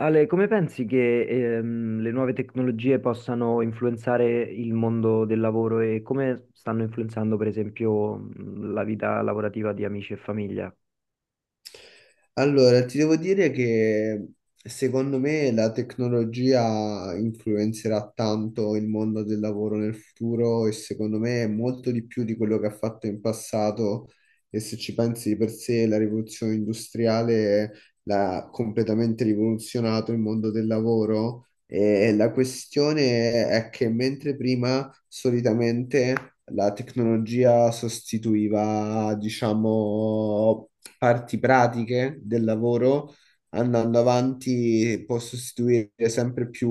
Ale, come pensi che le nuove tecnologie possano influenzare il mondo del lavoro e come stanno influenzando, per esempio, la vita lavorativa di amici e famiglia? Allora, ti devo dire che secondo me la tecnologia influenzerà tanto il mondo del lavoro nel futuro e secondo me molto di più di quello che ha fatto in passato e se ci pensi di per sé la rivoluzione industriale l'ha completamente rivoluzionato il mondo del lavoro. E la questione è che mentre prima solitamente la tecnologia sostituiva, diciamo, parti pratiche del lavoro, andando avanti, può sostituire sempre più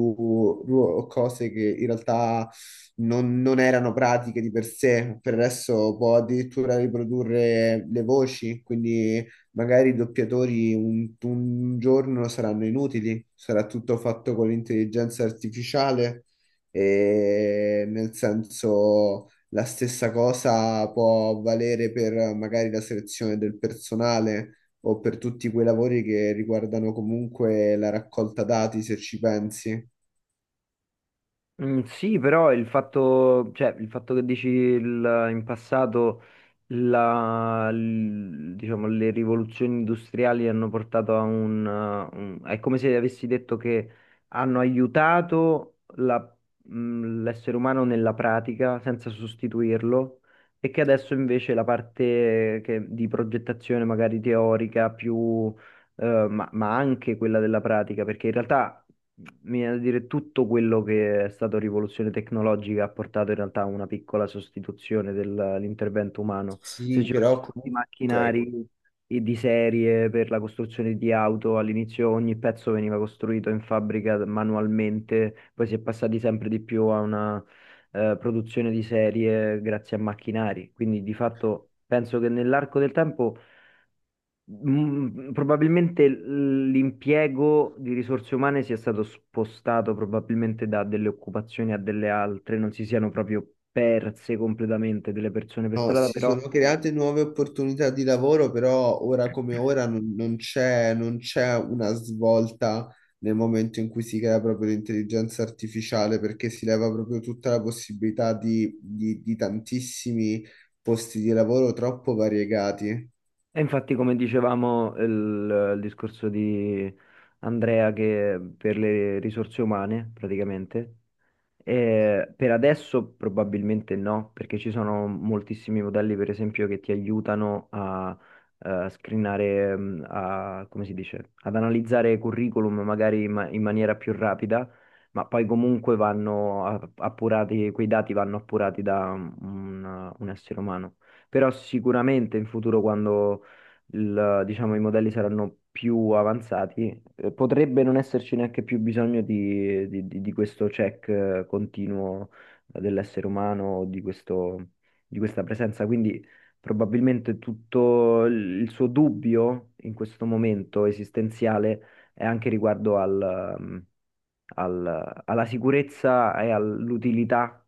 cose che in realtà non erano pratiche di per sé. Per adesso può addirittura riprodurre le voci, quindi magari i doppiatori un giorno saranno inutili, sarà tutto fatto con l'intelligenza artificiale. E nel senso, la stessa cosa può valere per magari la selezione del personale o per tutti quei lavori che riguardano comunque la raccolta dati, se ci pensi. Mm, sì, però il fatto, cioè, il fatto che dici in passato diciamo, le rivoluzioni industriali hanno portato a è come se avessi detto che hanno aiutato l'essere umano nella pratica senza sostituirlo, e che adesso invece la di progettazione magari teorica più... ma anche quella della pratica, perché in realtà mi viene da dire tutto quello che è stato rivoluzione tecnologica ha portato in realtà a una piccola sostituzione dell'intervento umano. Se Sì, ci pensi però tutti i comunque macchinari di serie per la costruzione di auto, all'inizio ogni pezzo veniva costruito in fabbrica manualmente, poi si è passati sempre di più a una produzione di serie grazie a macchinari. Quindi di fatto penso che nell'arco del tempo probabilmente l'impiego di risorse umane sia stato spostato probabilmente da delle occupazioni a delle altre, non si siano proprio perse completamente delle persone per no, strada, si però sono create nuove opportunità di lavoro, però ora come ora non c'è, non c'è una svolta nel momento in cui si crea proprio l'intelligenza artificiale, perché si leva proprio tutta la possibilità di tantissimi posti di lavoro troppo variegati. e infatti, come dicevamo, il discorso di Andrea che per le risorse umane praticamente, eh, per adesso probabilmente no, perché ci sono moltissimi modelli, per esempio, che ti aiutano screenare, a, come si dice, ad analizzare curriculum magari in maniera più rapida, ma poi comunque appurati, quei dati vanno appurati da un essere umano. Però sicuramente in futuro, quando diciamo, i modelli saranno più avanzati, potrebbe non esserci neanche più bisogno di questo check continuo dell'essere umano, di di questa presenza. Quindi probabilmente tutto il suo dubbio in questo momento esistenziale è anche riguardo alla sicurezza e all'utilità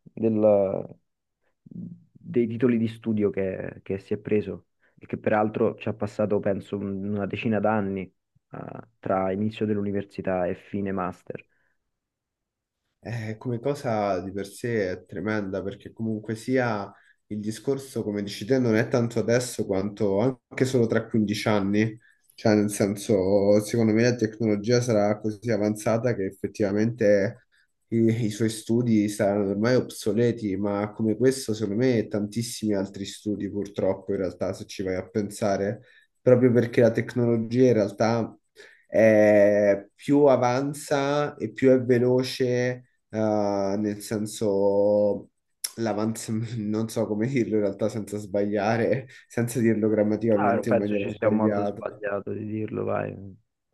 dei titoli di studio che si è preso e che peraltro ci ha passato, penso, una decina d'anni, ah, tra inizio dell'università e fine master. Come cosa di per sé è tremenda perché comunque sia il discorso, come dici te, non è tanto adesso quanto anche solo tra 15 anni. Cioè, nel senso, secondo me la tecnologia sarà così avanzata che effettivamente i, i suoi studi saranno ormai obsoleti, ma come questo, secondo me, tantissimi altri studi, purtroppo, in realtà, se ci vai a pensare, proprio perché la tecnologia in realtà più avanza e più è veloce, nel senso l'avanzamento, non so come dirlo in realtà senza sbagliare, senza dirlo Ah, non grammaticamente in penso maniera ci sia un modo sbagliata. sbagliato di dirlo, vai,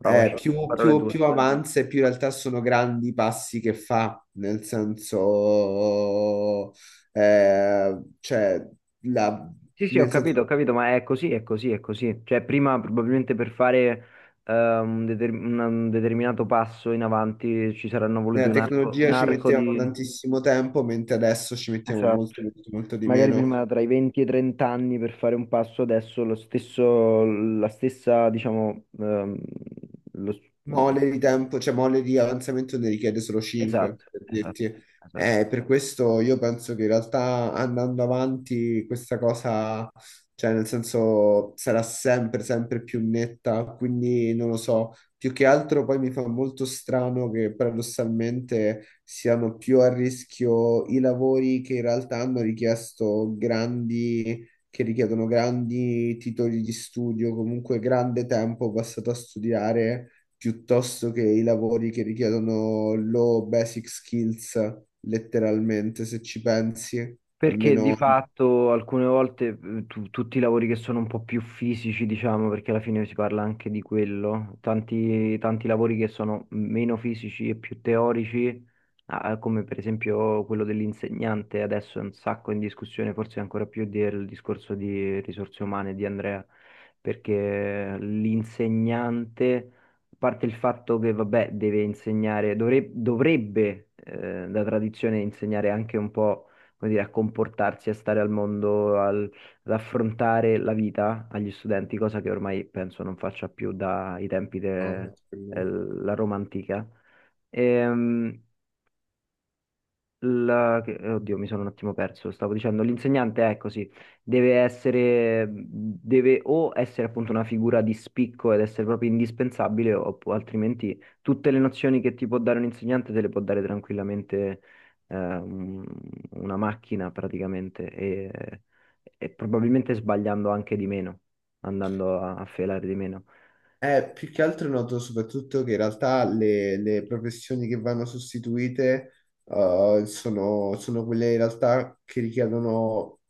Più, parole più, tue. più avanza e più in realtà sono grandi i passi che fa, nel senso, eh, cioè, la, Sì, sì, nel ho senso, capito, ma è così, è così, è così. Cioè, prima probabilmente per fare un determinato passo in avanti ci saranno voluti nella un tecnologia ci arco mettevamo di... tantissimo tempo, mentre adesso ci mettiamo Esatto. molto, molto, molto di Magari meno. prima tra i 20 e i 30 anni per fare un passo, adesso lo stesso, la stessa, diciamo, lo- Mole di tempo, cioè mole di avanzamento ne richiede solo 5, esatto, per esatto, dirti. esatto. Per questo io penso che in realtà andando avanti questa cosa, cioè nel senso sarà sempre, sempre più netta, quindi non lo so. Più che altro poi mi fa molto strano che paradossalmente siano più a rischio i lavori che in realtà hanno richiesto grandi... che richiedono grandi titoli di studio, comunque grande tempo passato a studiare, piuttosto che i lavori che richiedono low basic skills, letteralmente, se ci pensi, Perché di almeno... fatto alcune volte, tutti i lavori che sono un po' più fisici, diciamo, perché alla fine si parla anche di quello, tanti, tanti lavori che sono meno fisici e più teorici, ah, come per esempio quello dell'insegnante, adesso è un sacco in discussione, forse ancora più del discorso di risorse umane di Andrea, perché l'insegnante, a parte il fatto che, vabbè, deve insegnare, dovrebbe, da tradizione, insegnare anche un po', come dire, a comportarsi, a stare al mondo, ad affrontare la vita agli studenti, cosa che ormai penso non faccia più dai tempi No, della Roma antica. Ehm, Oddio, mi sono un attimo perso. Stavo dicendo, l'insegnante è così, deve essere, deve o essere appunto una figura di spicco ed essere proprio indispensabile, altrimenti tutte le nozioni che ti può dare un insegnante te le può dare tranquillamente eh, un- una macchina praticamente, e probabilmente sbagliando anche di meno, andando a, a felare di meno. eh, più che altro noto soprattutto che in realtà le professioni che vanno sostituite sono quelle in realtà che richiedono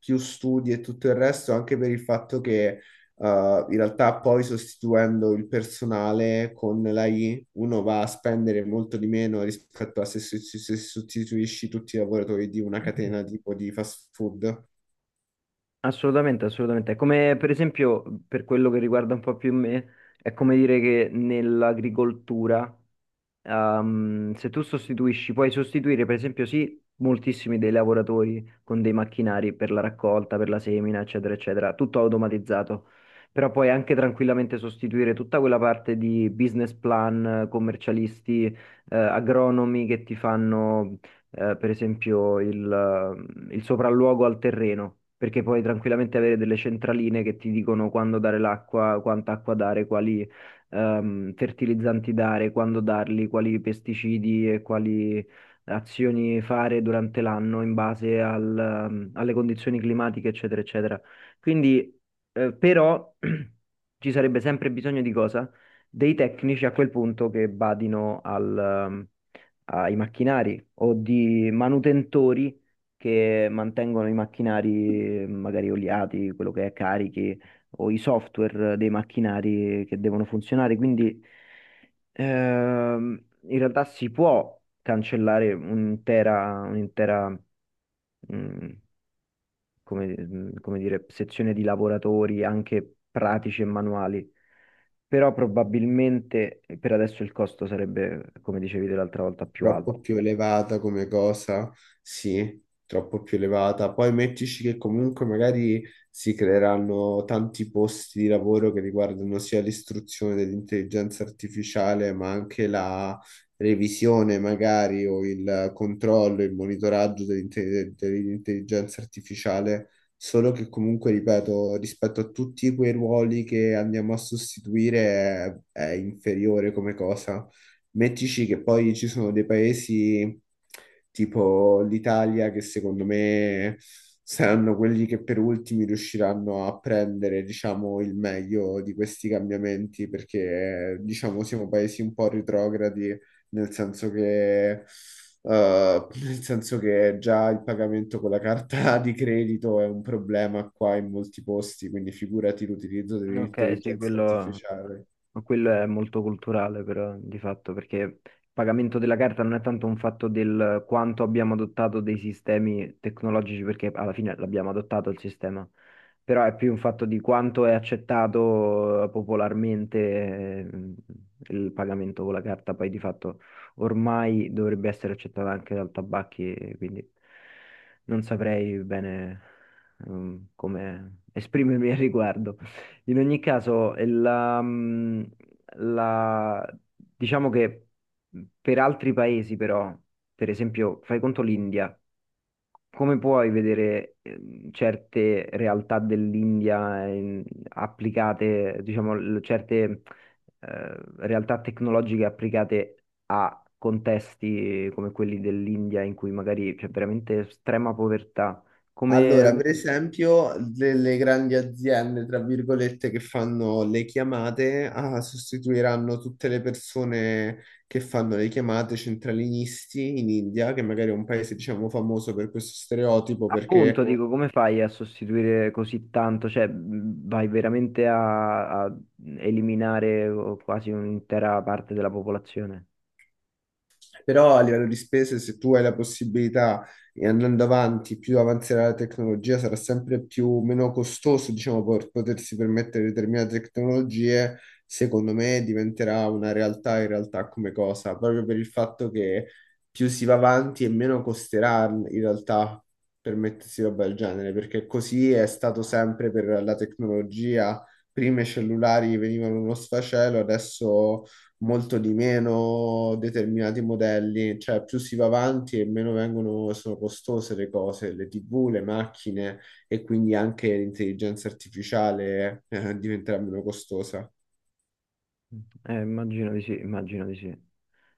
più studi e tutto il resto, anche per il fatto che in realtà poi sostituendo il personale con l'AI uno va a spendere molto di meno rispetto a se sostituisci tutti i lavoratori di una catena tipo di fast food. Assolutamente, assolutamente. È come per esempio, per quello che riguarda un po' più me, è come dire che nell'agricoltura, se tu sostituisci, puoi sostituire per esempio, sì, moltissimi dei lavoratori con dei macchinari per la raccolta, per la semina, eccetera, eccetera, tutto automatizzato, però puoi anche tranquillamente sostituire tutta quella parte di business plan, commercialisti, agronomi che ti fanno, per esempio il sopralluogo al terreno, perché puoi tranquillamente avere delle centraline che ti dicono quando dare l'acqua, quanta acqua dare, quali, fertilizzanti dare, quando darli, quali pesticidi e quali azioni fare durante l'anno in base alle condizioni climatiche, eccetera, eccetera. Quindi, però, ci sarebbe sempre bisogno di cosa? Dei tecnici a quel punto che badino ai macchinari, o di manutentori che mantengono i macchinari, magari oliati, quello che è, carichi, o i software dei macchinari che devono funzionare. Quindi, in realtà si può cancellare un'intera, mm, come dire, sezione di lavoratori anche pratici e manuali, però probabilmente, per adesso il costo sarebbe, come dicevi te l'altra volta, più alto. Troppo più elevata come cosa, sì, troppo più elevata. Poi mettici che comunque magari si creeranno tanti posti di lavoro che riguardano sia l'istruzione dell'intelligenza artificiale, ma anche la revisione magari o il controllo, il monitoraggio dell'intelligenza artificiale. Solo che comunque, ripeto, rispetto a tutti quei ruoli che andiamo a sostituire è inferiore come cosa. Mettici che poi ci sono dei paesi tipo l'Italia che secondo me saranno quelli che per ultimi riusciranno a prendere, diciamo, il meglio di questi cambiamenti perché, diciamo, siamo paesi un po' retrogradi, nel senso che, eh, nel senso che già il pagamento con la carta di credito è un problema qua in molti posti, quindi figurati l'utilizzo Ok, sì, dell'intelligenza quello. artificiale. Ma quello è molto culturale, però, di fatto, perché il pagamento della carta non è tanto un fatto del quanto abbiamo adottato dei sistemi tecnologici, perché alla fine l'abbiamo adottato il sistema, però è più un fatto di quanto è accettato, popolarmente, eh, il pagamento con la carta. Poi, di fatto, ormai dovrebbe essere accettata anche dal tabacchi, quindi non saprei bene, come esprimermi al riguardo. In ogni caso, la- diciamo che per altri paesi però, per esempio, fai conto l'India, come puoi vedere, certe realtà dell'India, applicate, diciamo, certe, realtà tecnologiche applicate a contesti come quelli dell'India in cui magari c'è veramente estrema povertà? Allora, Come, per esempio, delle grandi aziende, tra virgolette, che fanno le chiamate, ah, sostituiranno tutte le persone che fanno le chiamate centralinisti in India, che magari è un paese, diciamo, famoso per questo stereotipo, appunto, mm, perché dico, come fai a sostituire così tanto? Cioè, vai veramente a, a eliminare quasi un'intera parte della popolazione? però a livello di spese, se tu hai la possibilità e andando avanti, più avanzerà la tecnologia, sarà sempre più meno costoso, diciamo, per potersi permettere determinate tecnologie, secondo me diventerà una realtà in realtà come cosa, proprio per il fatto che più si va avanti e meno costerà in realtà permettersi roba del genere, perché così è stato sempre per la tecnologia. Prima i cellulari venivano uno sfacelo, adesso molto di meno determinati modelli, cioè più si va avanti e meno vengono, sono costose le cose, le TV, le macchine e quindi anche l'intelligenza artificiale diventerà meno costosa. Immagino di sì, immagino di sì.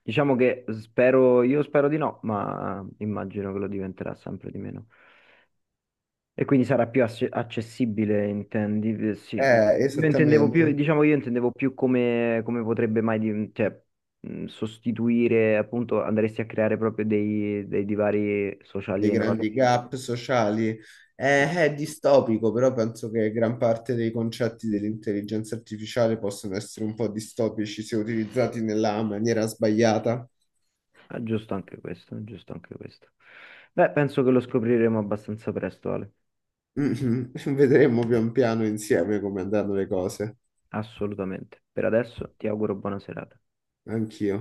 Diciamo che spero, io spero di no, ma immagino che lo diventerà sempre di meno. E quindi sarà più accessibile, intendi? Sì. Io intendevo più, Esattamente, diciamo, io intendevo più come, come potrebbe mai, cioè, sostituire, appunto, andresti a creare proprio dei divari sociali dei enormi. grandi gap sociali. Sì. È distopico, però penso che gran parte dei concetti dell'intelligenza artificiale possono essere un po' distopici se utilizzati nella maniera sbagliata. Ah, giusto anche questo, giusto anche questo. Beh, penso che lo scopriremo abbastanza presto, Ale. Mhm. Vedremo pian piano insieme come andranno le cose. Assolutamente. Per adesso ti auguro buona serata. Anch'io.